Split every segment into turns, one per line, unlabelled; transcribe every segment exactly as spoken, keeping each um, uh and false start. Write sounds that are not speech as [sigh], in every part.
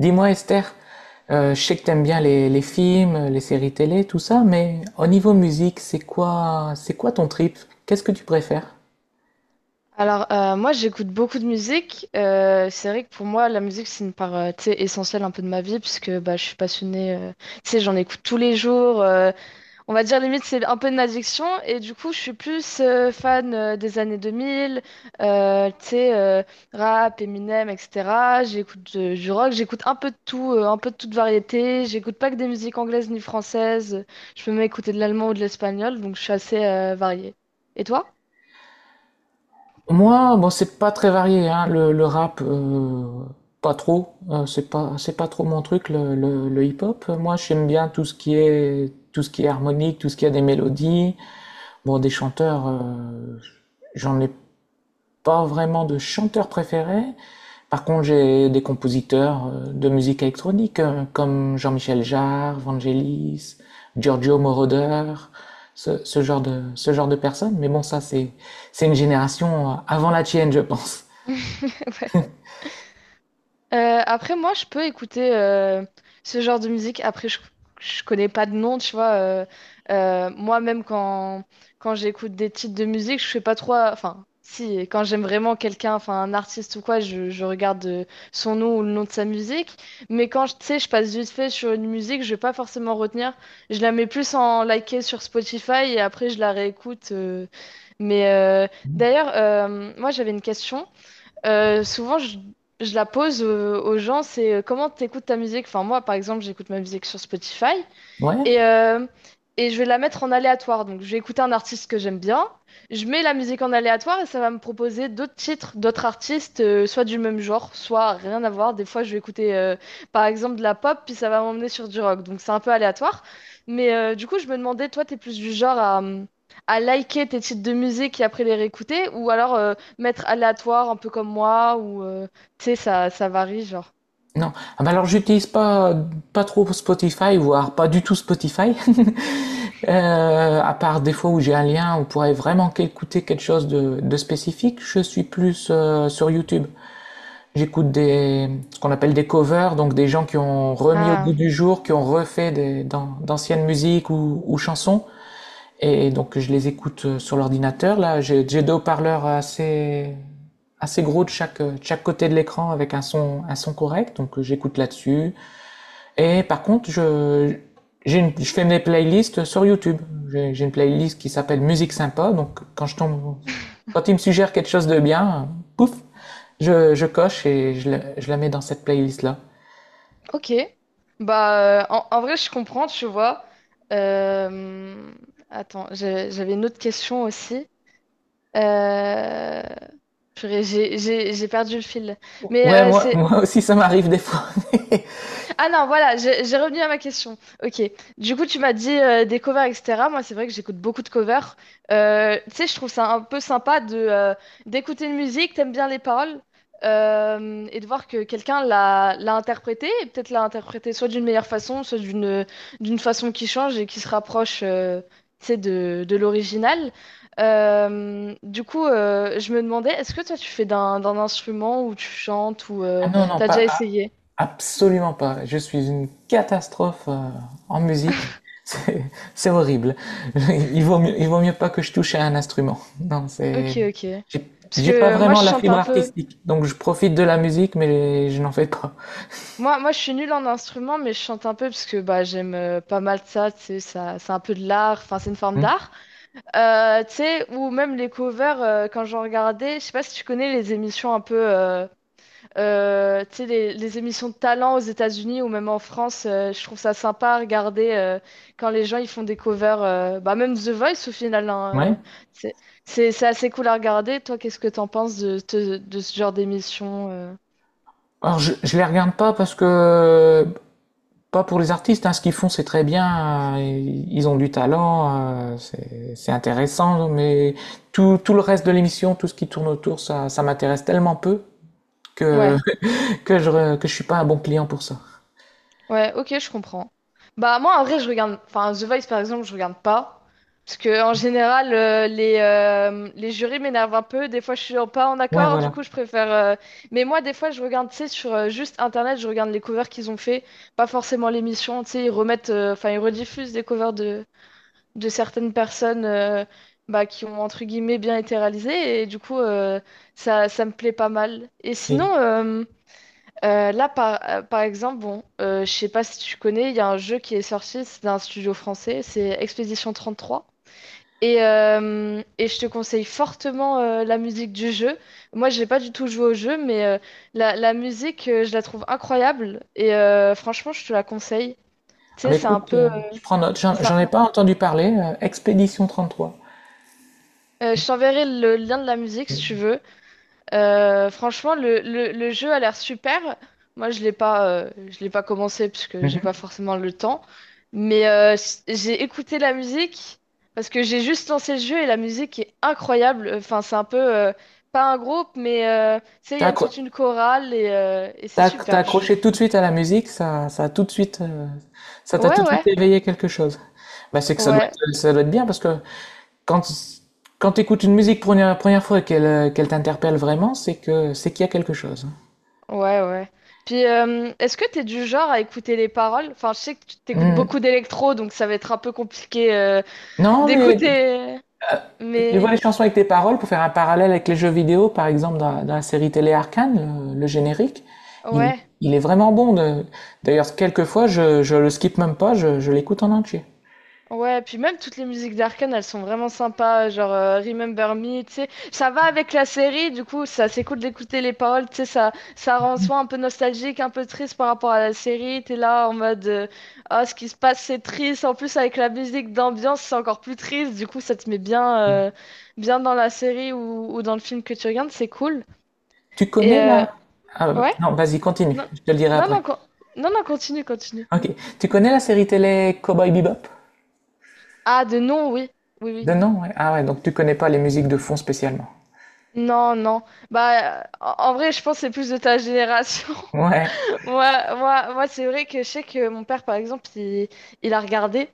Dis-moi Esther, euh, je sais que t'aimes bien les, les films, les séries télé, tout ça, mais au niveau musique, c'est quoi, c'est quoi ton trip? Qu'est-ce que tu préfères?
Alors, euh, moi, j'écoute beaucoup de musique. Euh, c'est vrai que pour moi, la musique, c'est une part euh, tu sais, essentielle un peu de ma vie, puisque bah, je suis passionnée. Euh, tu sais, j'en écoute tous les jours. Euh, on va dire, limite, c'est un peu une addiction. Et du coup, je suis plus euh, fan euh, des années deux mille, euh, tu sais, euh, rap, Eminem, et cetera. J'écoute euh, du rock, j'écoute un peu de tout, euh, un peu de toute variété. J'écoute pas que des musiques anglaises ni françaises. Je peux même écouter de l'allemand ou de l'espagnol, donc je suis assez euh, variée. Et toi?
Moi, bon, c'est pas très varié, hein, le, le rap, euh, pas trop, euh, c'est pas, c'est pas trop mon truc, le, le, le hip-hop. Moi, j'aime bien tout ce qui est, tout ce qui est harmonique, tout ce qui a des mélodies. Bon, des chanteurs, euh, j'en ai pas vraiment de chanteur préféré. Par contre, j'ai des compositeurs euh, de musique électronique euh, comme Jean-Michel Jarre, Vangelis, Giorgio Moroder, ce, ce genre de, ce genre de personnes. Mais bon, ça, c'est une génération euh, avant la tienne, je pense.
[laughs] Euh, après, moi, je peux écouter euh, ce genre de musique. Après, je, je connais pas de nom, tu vois. Euh, euh, moi-même, quand, quand j'écoute des titres de musique, je fais pas trop. Enfin, si, quand j'aime vraiment quelqu'un, enfin, un artiste ou quoi, je, je regarde euh, son nom ou le nom de sa musique. Mais quand, je- tu sais, je passe vite fait sur une musique, je vais pas forcément retenir. Je la mets plus en liker sur Spotify et après, je la réécoute. euh. Mais euh, d'ailleurs, euh, moi, j'avais une question. Euh, souvent, je, je la pose euh, aux gens, c'est euh, comment tu écoutes ta musique. Enfin, moi, par exemple, j'écoute ma musique sur Spotify.
Ouais.
Et, euh, et je vais la mettre en aléatoire. Donc, je vais écouter un artiste que j'aime bien. Je mets la musique en aléatoire et ça va me proposer d'autres titres, d'autres artistes, euh, soit du même genre, soit rien à voir. Des fois, je vais écouter, euh, par exemple, de la pop, puis ça va m'emmener sur du rock. Donc, c'est un peu aléatoire. Mais euh, du coup, je me demandais, toi, t'es plus du genre à, hum, à liker tes titres de musique et après les réécouter, ou alors euh, mettre aléatoire, un peu comme moi, ou, euh, tu sais, ça, ça varie, genre.
Non. Ah bah alors j'utilise pas pas trop Spotify, voire pas du tout Spotify. [laughs] Euh, à part des fois où j'ai un lien, où on pourrait vraiment écouter quelque chose de, de spécifique. Je suis plus euh, sur YouTube. J'écoute des Ce qu'on appelle des covers, donc des gens qui ont remis au goût
Ah.
du jour, qui ont refait des, d'an- d'anciennes musiques ou, ou chansons. Et donc je les écoute euh, sur l'ordinateur. Là, j'ai j'ai deux haut-parleurs assez assez gros de chaque, euh, de chaque côté de l'écran avec un son, un son correct, donc euh, j'écoute là-dessus. Et par contre, je, j'ai une- je fais mes playlists sur YouTube. J'ai j'ai une playlist qui s'appelle Musique sympa, donc quand je tombe, quand il me suggère quelque chose de bien, euh, pouf, je, je coche et je, je la mets dans cette playlist-là.
Ok. Bah, euh, en, en vrai, je comprends, tu vois. Euh, Attends, j'ai- j'avais une autre question aussi. Euh... Purée, j'ai j'ai- j'ai perdu le fil. Mais
Ouais,
euh,
moi,
c'est...
moi aussi, ça m'arrive des fois. [laughs]
Ah non, voilà, j'ai j'ai revenu à ma question. Ok. Du coup, tu m'as dit euh, des covers, et cetera. Moi, c'est vrai que j'écoute beaucoup de covers. Euh, tu sais, je trouve ça un peu sympa de euh, d'écouter une musique, t'aimes bien les paroles, euh, et de voir que quelqu'un l'a l'a interprétée, et peut-être l'a interprétée soit d'une meilleure façon, soit d'une d'une façon qui change et qui se rapproche, euh, tu sais, de, de l'original. Euh, du coup, euh, je me demandais, est-ce que toi, tu fais d'un d'un instrument ou tu chantes ou
Ah
euh,
non, non,
t'as déjà
pas, ah,
essayé?
absolument pas. Je suis une catastrophe euh, en musique. [laughs] C'est c'est horrible. [laughs] Il vaut mieux, il vaut mieux pas que je touche à un instrument. Non,
Ok,
c'est,
ok.
j'ai
Parce que
j'ai pas
euh, moi,
vraiment
je
la
chante
fibre
un peu.
artistique. Donc je profite de la musique, mais je n'en fais pas.
Moi, moi, je suis nulle en instrument, mais je chante un peu parce que bah, j'aime euh, pas mal ça. Tu sais, ça, c'est un peu de l'art. Enfin, c'est une forme
Hmm.
d'art. Euh, tu sais, ou même les covers, euh, quand j'en regardais, je sais pas si tu connais les émissions un peu. Euh, euh, tu sais, les, les émissions de talent aux États-Unis ou même en France. Euh, je trouve ça sympa à regarder euh, quand les gens ils font des covers. Euh, bah, même The Voice au final. Hein,
Ouais.
euh, c'est, c'est c'est assez cool à regarder. Toi, qu'est-ce que t'en penses de, de, de ce genre d'émission? euh?
Alors je, je les regarde pas parce que pas pour les artistes, hein, ce qu'ils font c'est très bien, euh, ils ont du talent, euh, c'est c'est intéressant, mais tout, tout le reste de l'émission, tout ce qui tourne autour, ça, ça m'intéresse tellement peu que,
Ouais,
[laughs] que je, re- que je suis pas un bon client pour ça.
ouais, ok, je comprends. Bah moi en vrai je regarde, enfin The Voice par exemple je regarde pas, parce que en général euh, les, euh, les jurys m'énervent un peu, des fois je suis pas en
Ouais,
accord, du
voilà.
coup je préfère... euh, Mais moi des fois je regarde, tu sais, sur euh, juste internet, je regarde les covers qu'ils ont fait, pas forcément l'émission, tu sais, ils remettent, euh, enfin ils rediffusent des covers de, de certaines personnes euh, bah, qui ont entre guillemets bien été réalisées, et du coup euh, ça, ça me plaît pas mal. Et sinon...
C'est...
euh, Euh, là, par, euh, par exemple, bon, euh, je sais pas si tu connais, il y a un jeu qui est sorti, c'est d'un studio français, c'est Expédition trois. Et, euh, et je te conseille fortement euh, la musique du jeu. Moi, j'ai pas du tout joué au jeu, mais euh, la, la musique, euh, je la trouve incroyable. Et euh, franchement, je te la conseille. Tu
Ah
sais,
mais
c'est un
écoute,
peu.
euh,
euh,
je prends note, j'en
c'est un-
j'en ai pas entendu parler, euh, Expédition trois.
euh, je t'enverrai le lien de la musique si tu veux. Euh, franchement, le, le- le jeu a l'air super. Moi, je l'ai pas, euh, je l'ai pas commencé parce que j'ai pas
Mhm.
forcément le temps. Mais euh, s- j'ai écouté la musique parce que j'ai juste lancé le jeu et la musique est incroyable. Enfin, c'est un peu euh, pas un groupe, mais euh, tu sais, il y
T'as
a
accro-
toute une chorale et, euh, et c'est
T'as t'as
super, je trouve.
accroché tout de suite à la musique, ça, ça a tout de suite, euh, ça t'a
Ouais,
tout de suite
ouais,
éveillé quelque chose. Bah, c'est que ça doit
ouais,
être, ça doit être bien parce que quand, quand t'écoutes une musique pour une première fois et qu'elle, euh, qu'elle t'interpelle vraiment, c'est que, c'est qu'il y a quelque chose.
ouais, ouais. Puis, euh, est-ce que t'es du genre à écouter les paroles? Enfin, je sais que tu t'écoutes
Hmm.
beaucoup d'électro, donc ça va être un peu compliqué euh,
Non, mais
d'écouter,
tu vois
mais...
les chansons avec tes paroles pour faire un parallèle avec les jeux vidéo, par exemple, dans, la dans la série télé Arcane, le, le générique, il, est-
Ouais,
il est vraiment bon. De- D'ailleurs, quelquefois, je, je le skip même pas, je, je l'écoute en entier.
ouais, puis même toutes les musiques d'Arkane, elles sont vraiment sympas, genre euh, Remember Me, tu sais, ça va avec la série, du coup, ça c'est cool d'écouter les paroles, tu sais, ça, ça rend soi un peu nostalgique, un peu triste par rapport à la série, t'es là en mode, euh, ah, ce qui se passe c'est triste, en plus avec la musique d'ambiance c'est encore plus triste, du coup ça te met bien, euh, bien dans la série ou, ou dans le film que tu regardes, c'est cool.
Tu
Et
connais
euh,
la... Ah,
ouais,
non, vas-y, continue,
non,
je te le dirai
non, non,
après.
con- non, non, continue, continue.
Ok. Tu connais la série télé Cowboy Bebop?
Ah, de non, oui, oui, oui.
De nom, ouais. Ah ouais, donc tu connais pas les musiques de fond spécialement.
Non, non. Bah, en en vrai, je pense que c'est plus de ta génération. [laughs]
Ouais.
Moi, moi, moi c'est vrai que je sais que mon père, par exemple, il, il a regardé.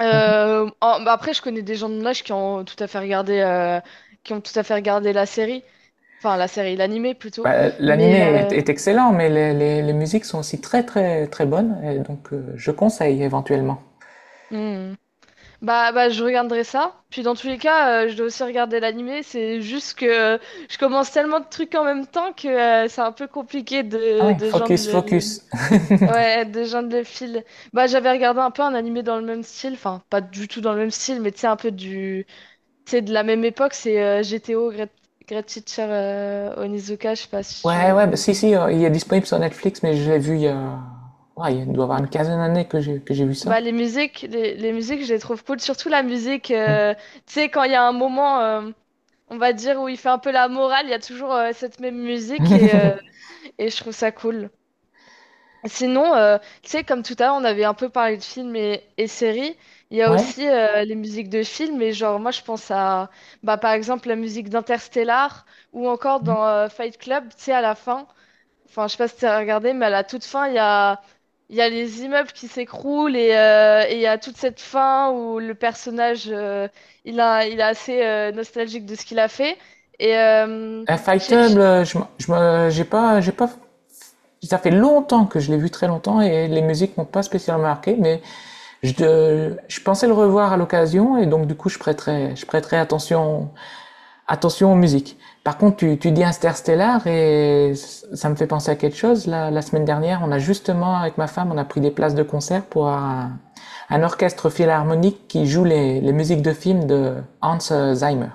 Euh, en- bah après, je connais des gens de mon âge qui ont tout à fait regardé, euh, qui ont tout à fait regardé la série. Enfin, la série, l'animé plutôt.
Bah, l'animé
Mais
est,
euh,
est excellent, mais les, les- les musiques sont aussi très très très bonnes, et donc euh, je conseille éventuellement.
hmm. Bah, bah, je regarderai ça. Puis dans tous les cas, euh, je dois aussi regarder l'animé. C'est juste que euh, je commence tellement de trucs en même temps que euh, c'est un peu compliqué
Ah
de,
ouais,
de joindre
Focus,
le...
Focus. [laughs]
Ouais, des gens de fil. Bah, j'avais regardé un peu un animé dans le même style, enfin, pas du tout dans le même style, mais tu sais, un peu du. Tu sais, de la même époque, c'est euh, G T O, Great, Great Teacher euh, Onizuka, je sais pas si
Ouais, ouais,
tu.
bah, si, si, euh, il est disponible sur Netflix, mais je l'ai vu il y a... Ouais, il doit y avoir une
Yeah.
quinzaine d'années que j'ai que j'ai vu ça.
Bah, les musiques, les, les musiques, je les trouve cool, surtout la musique, euh, tu sais, quand il y a un moment, euh, on va dire, où il fait un peu la morale, il y a toujours euh, cette même musique et, euh, et je trouve ça cool. Sinon, euh, tu sais, comme tout à l'heure, on avait un peu parlé de films et, et séries. Il y a
Ouais.
aussi euh, les musiques de films. Et genre, moi, je pense à, bah, par exemple, la musique d'Interstellar ou encore dans euh, Fight Club, tu sais, à la fin. Enfin, je sais pas si tu as regardé, mais à la toute fin, il y a, il y a les immeubles qui s'écroulent et euh, et il y a toute cette fin où le personnage, euh, il a, il est assez euh, nostalgique de ce qu'il a fait. Et euh,
Euh,
je sais...
Fightable, euh, je, m- je me, j'ai pas, j'ai pas Ça fait longtemps que je l'ai vu, très longtemps, et les musiques m'ont pas spécialement marqué, mais je, euh, je pensais le revoir à l'occasion, et donc du coup, je prêterai, je prêterai attention, attention aux musiques. Par contre, tu, tu dis Interstellar, et ça me fait penser à quelque chose. La, la semaine dernière, on a justement, avec ma femme, on a pris des places de concert pour un, un orchestre philharmonique qui joue les, les musiques de films de Hans Zimmer.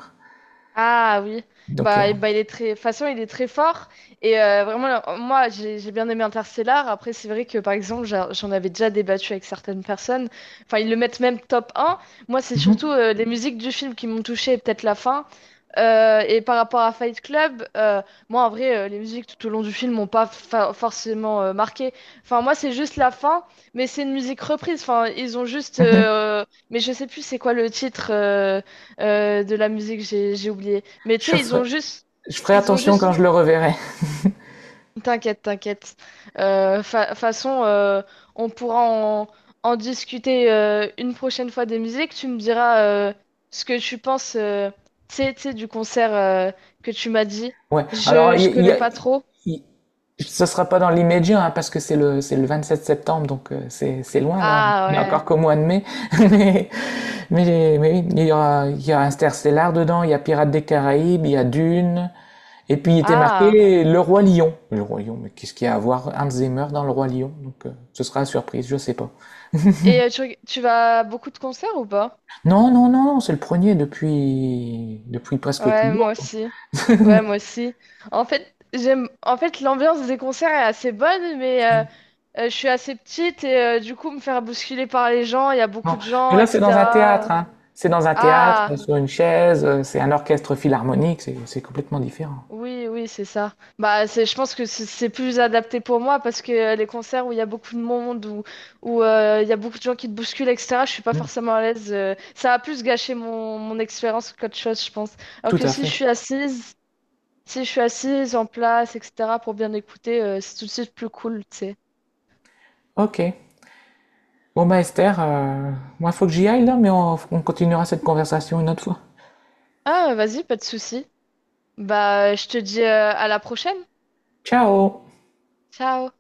Ah oui,
Donc, euh,
bah, et- bah il est très, de toute façon il est très fort et euh, vraiment là, moi j'ai j'ai bien aimé Interstellar. Après c'est vrai que par exemple j'a- j'en avais déjà débattu avec certaines personnes. Enfin ils le mettent même top un. Moi c'est surtout euh, les musiques du film qui m'ont touché et peut-être la fin. Euh, et par rapport à Fight Club, euh, moi en vrai euh, les musiques tout au long du film m'ont pas fa- forcément euh, marqué. Enfin moi c'est juste la fin, mais c'est une musique reprise. Enfin ils ont juste,
[laughs]
euh, mais je sais plus c'est quoi le titre. Euh, euh, de la musique, j'ai j'ai oublié. Mais tu
je,
sais, ils
ferai,
ont juste,
je ferai
ils ont
attention quand
juste,
je le reverrai.
t'inquiète, t'inquiète. Euh, fa- façon, euh, on pourra en, en discuter euh, une prochaine fois des musiques. Tu me diras euh, ce que tu penses, euh, tu sais, tu sais, du concert euh, que tu m'as dit.
Ouais. Alors,
Je, je
il y
connais
a,
pas trop.
il- Ce sera pas dans l'immédiat, hein, parce que c'est le, c'est le vingt-sept septembre, donc euh, c'est, c'est loin, là.
Ah
Il n'y a
ouais.
encore qu'au mois de mai. [laughs] Mais, mais, mais oui, il y aura, il y a Interstellar dedans, il y a Pirates des Caraïbes, il y a Dune. Et puis, il était
Ah.
marqué Le Roi Lion. Le Roi Lion, mais qu'est-ce qu'il y a à voir Hans Zimmer dans Le Roi Lion? Donc, euh, ce sera une surprise, je sais pas.
Et euh, tu, reg- tu vas à beaucoup de concerts ou pas?
Non, non, non, c'est le premier depuis, depuis presque
Ouais,
toujours,
moi
quoi.
aussi.
[laughs]
Ouais, moi aussi. En fait, j'aime. En fait, l'ambiance des concerts est assez bonne, mais euh, Euh, je suis assez petite et euh, du coup, me faire bousculer par les gens, il y a beaucoup
Non,
de
mais
gens,
là, c'est dans un théâtre,
et cetera.
hein. C'est dans un théâtre, euh,
Ah,
sur une chaise, euh, c'est un orchestre philharmonique, c'est c'est complètement différent.
oui, oui, c'est ça. Bah, c'est, je pense que c'est c'est plus adapté pour moi parce que euh, les concerts où il y a beaucoup de monde, où, où euh, il y a beaucoup de gens qui te bousculent, et cetera, je suis pas
Mm.
forcément à l'aise. Euh, ça a plus gâché mon, mon expérience qu'autre chose, je pense. Alors
Tout
que
à
si je
fait.
suis assise, si je suis assise en place, et cetera, pour bien écouter, euh, c'est tout de suite plus cool, tu sais.
Ok. Bon, bah, Esther, euh, moi, faut que j'y aille là, mais on, on continuera cette conversation une autre fois.
Ah, vas-y, pas de souci. Bah, je te dis euh, à la prochaine.
Ciao!
Ciao.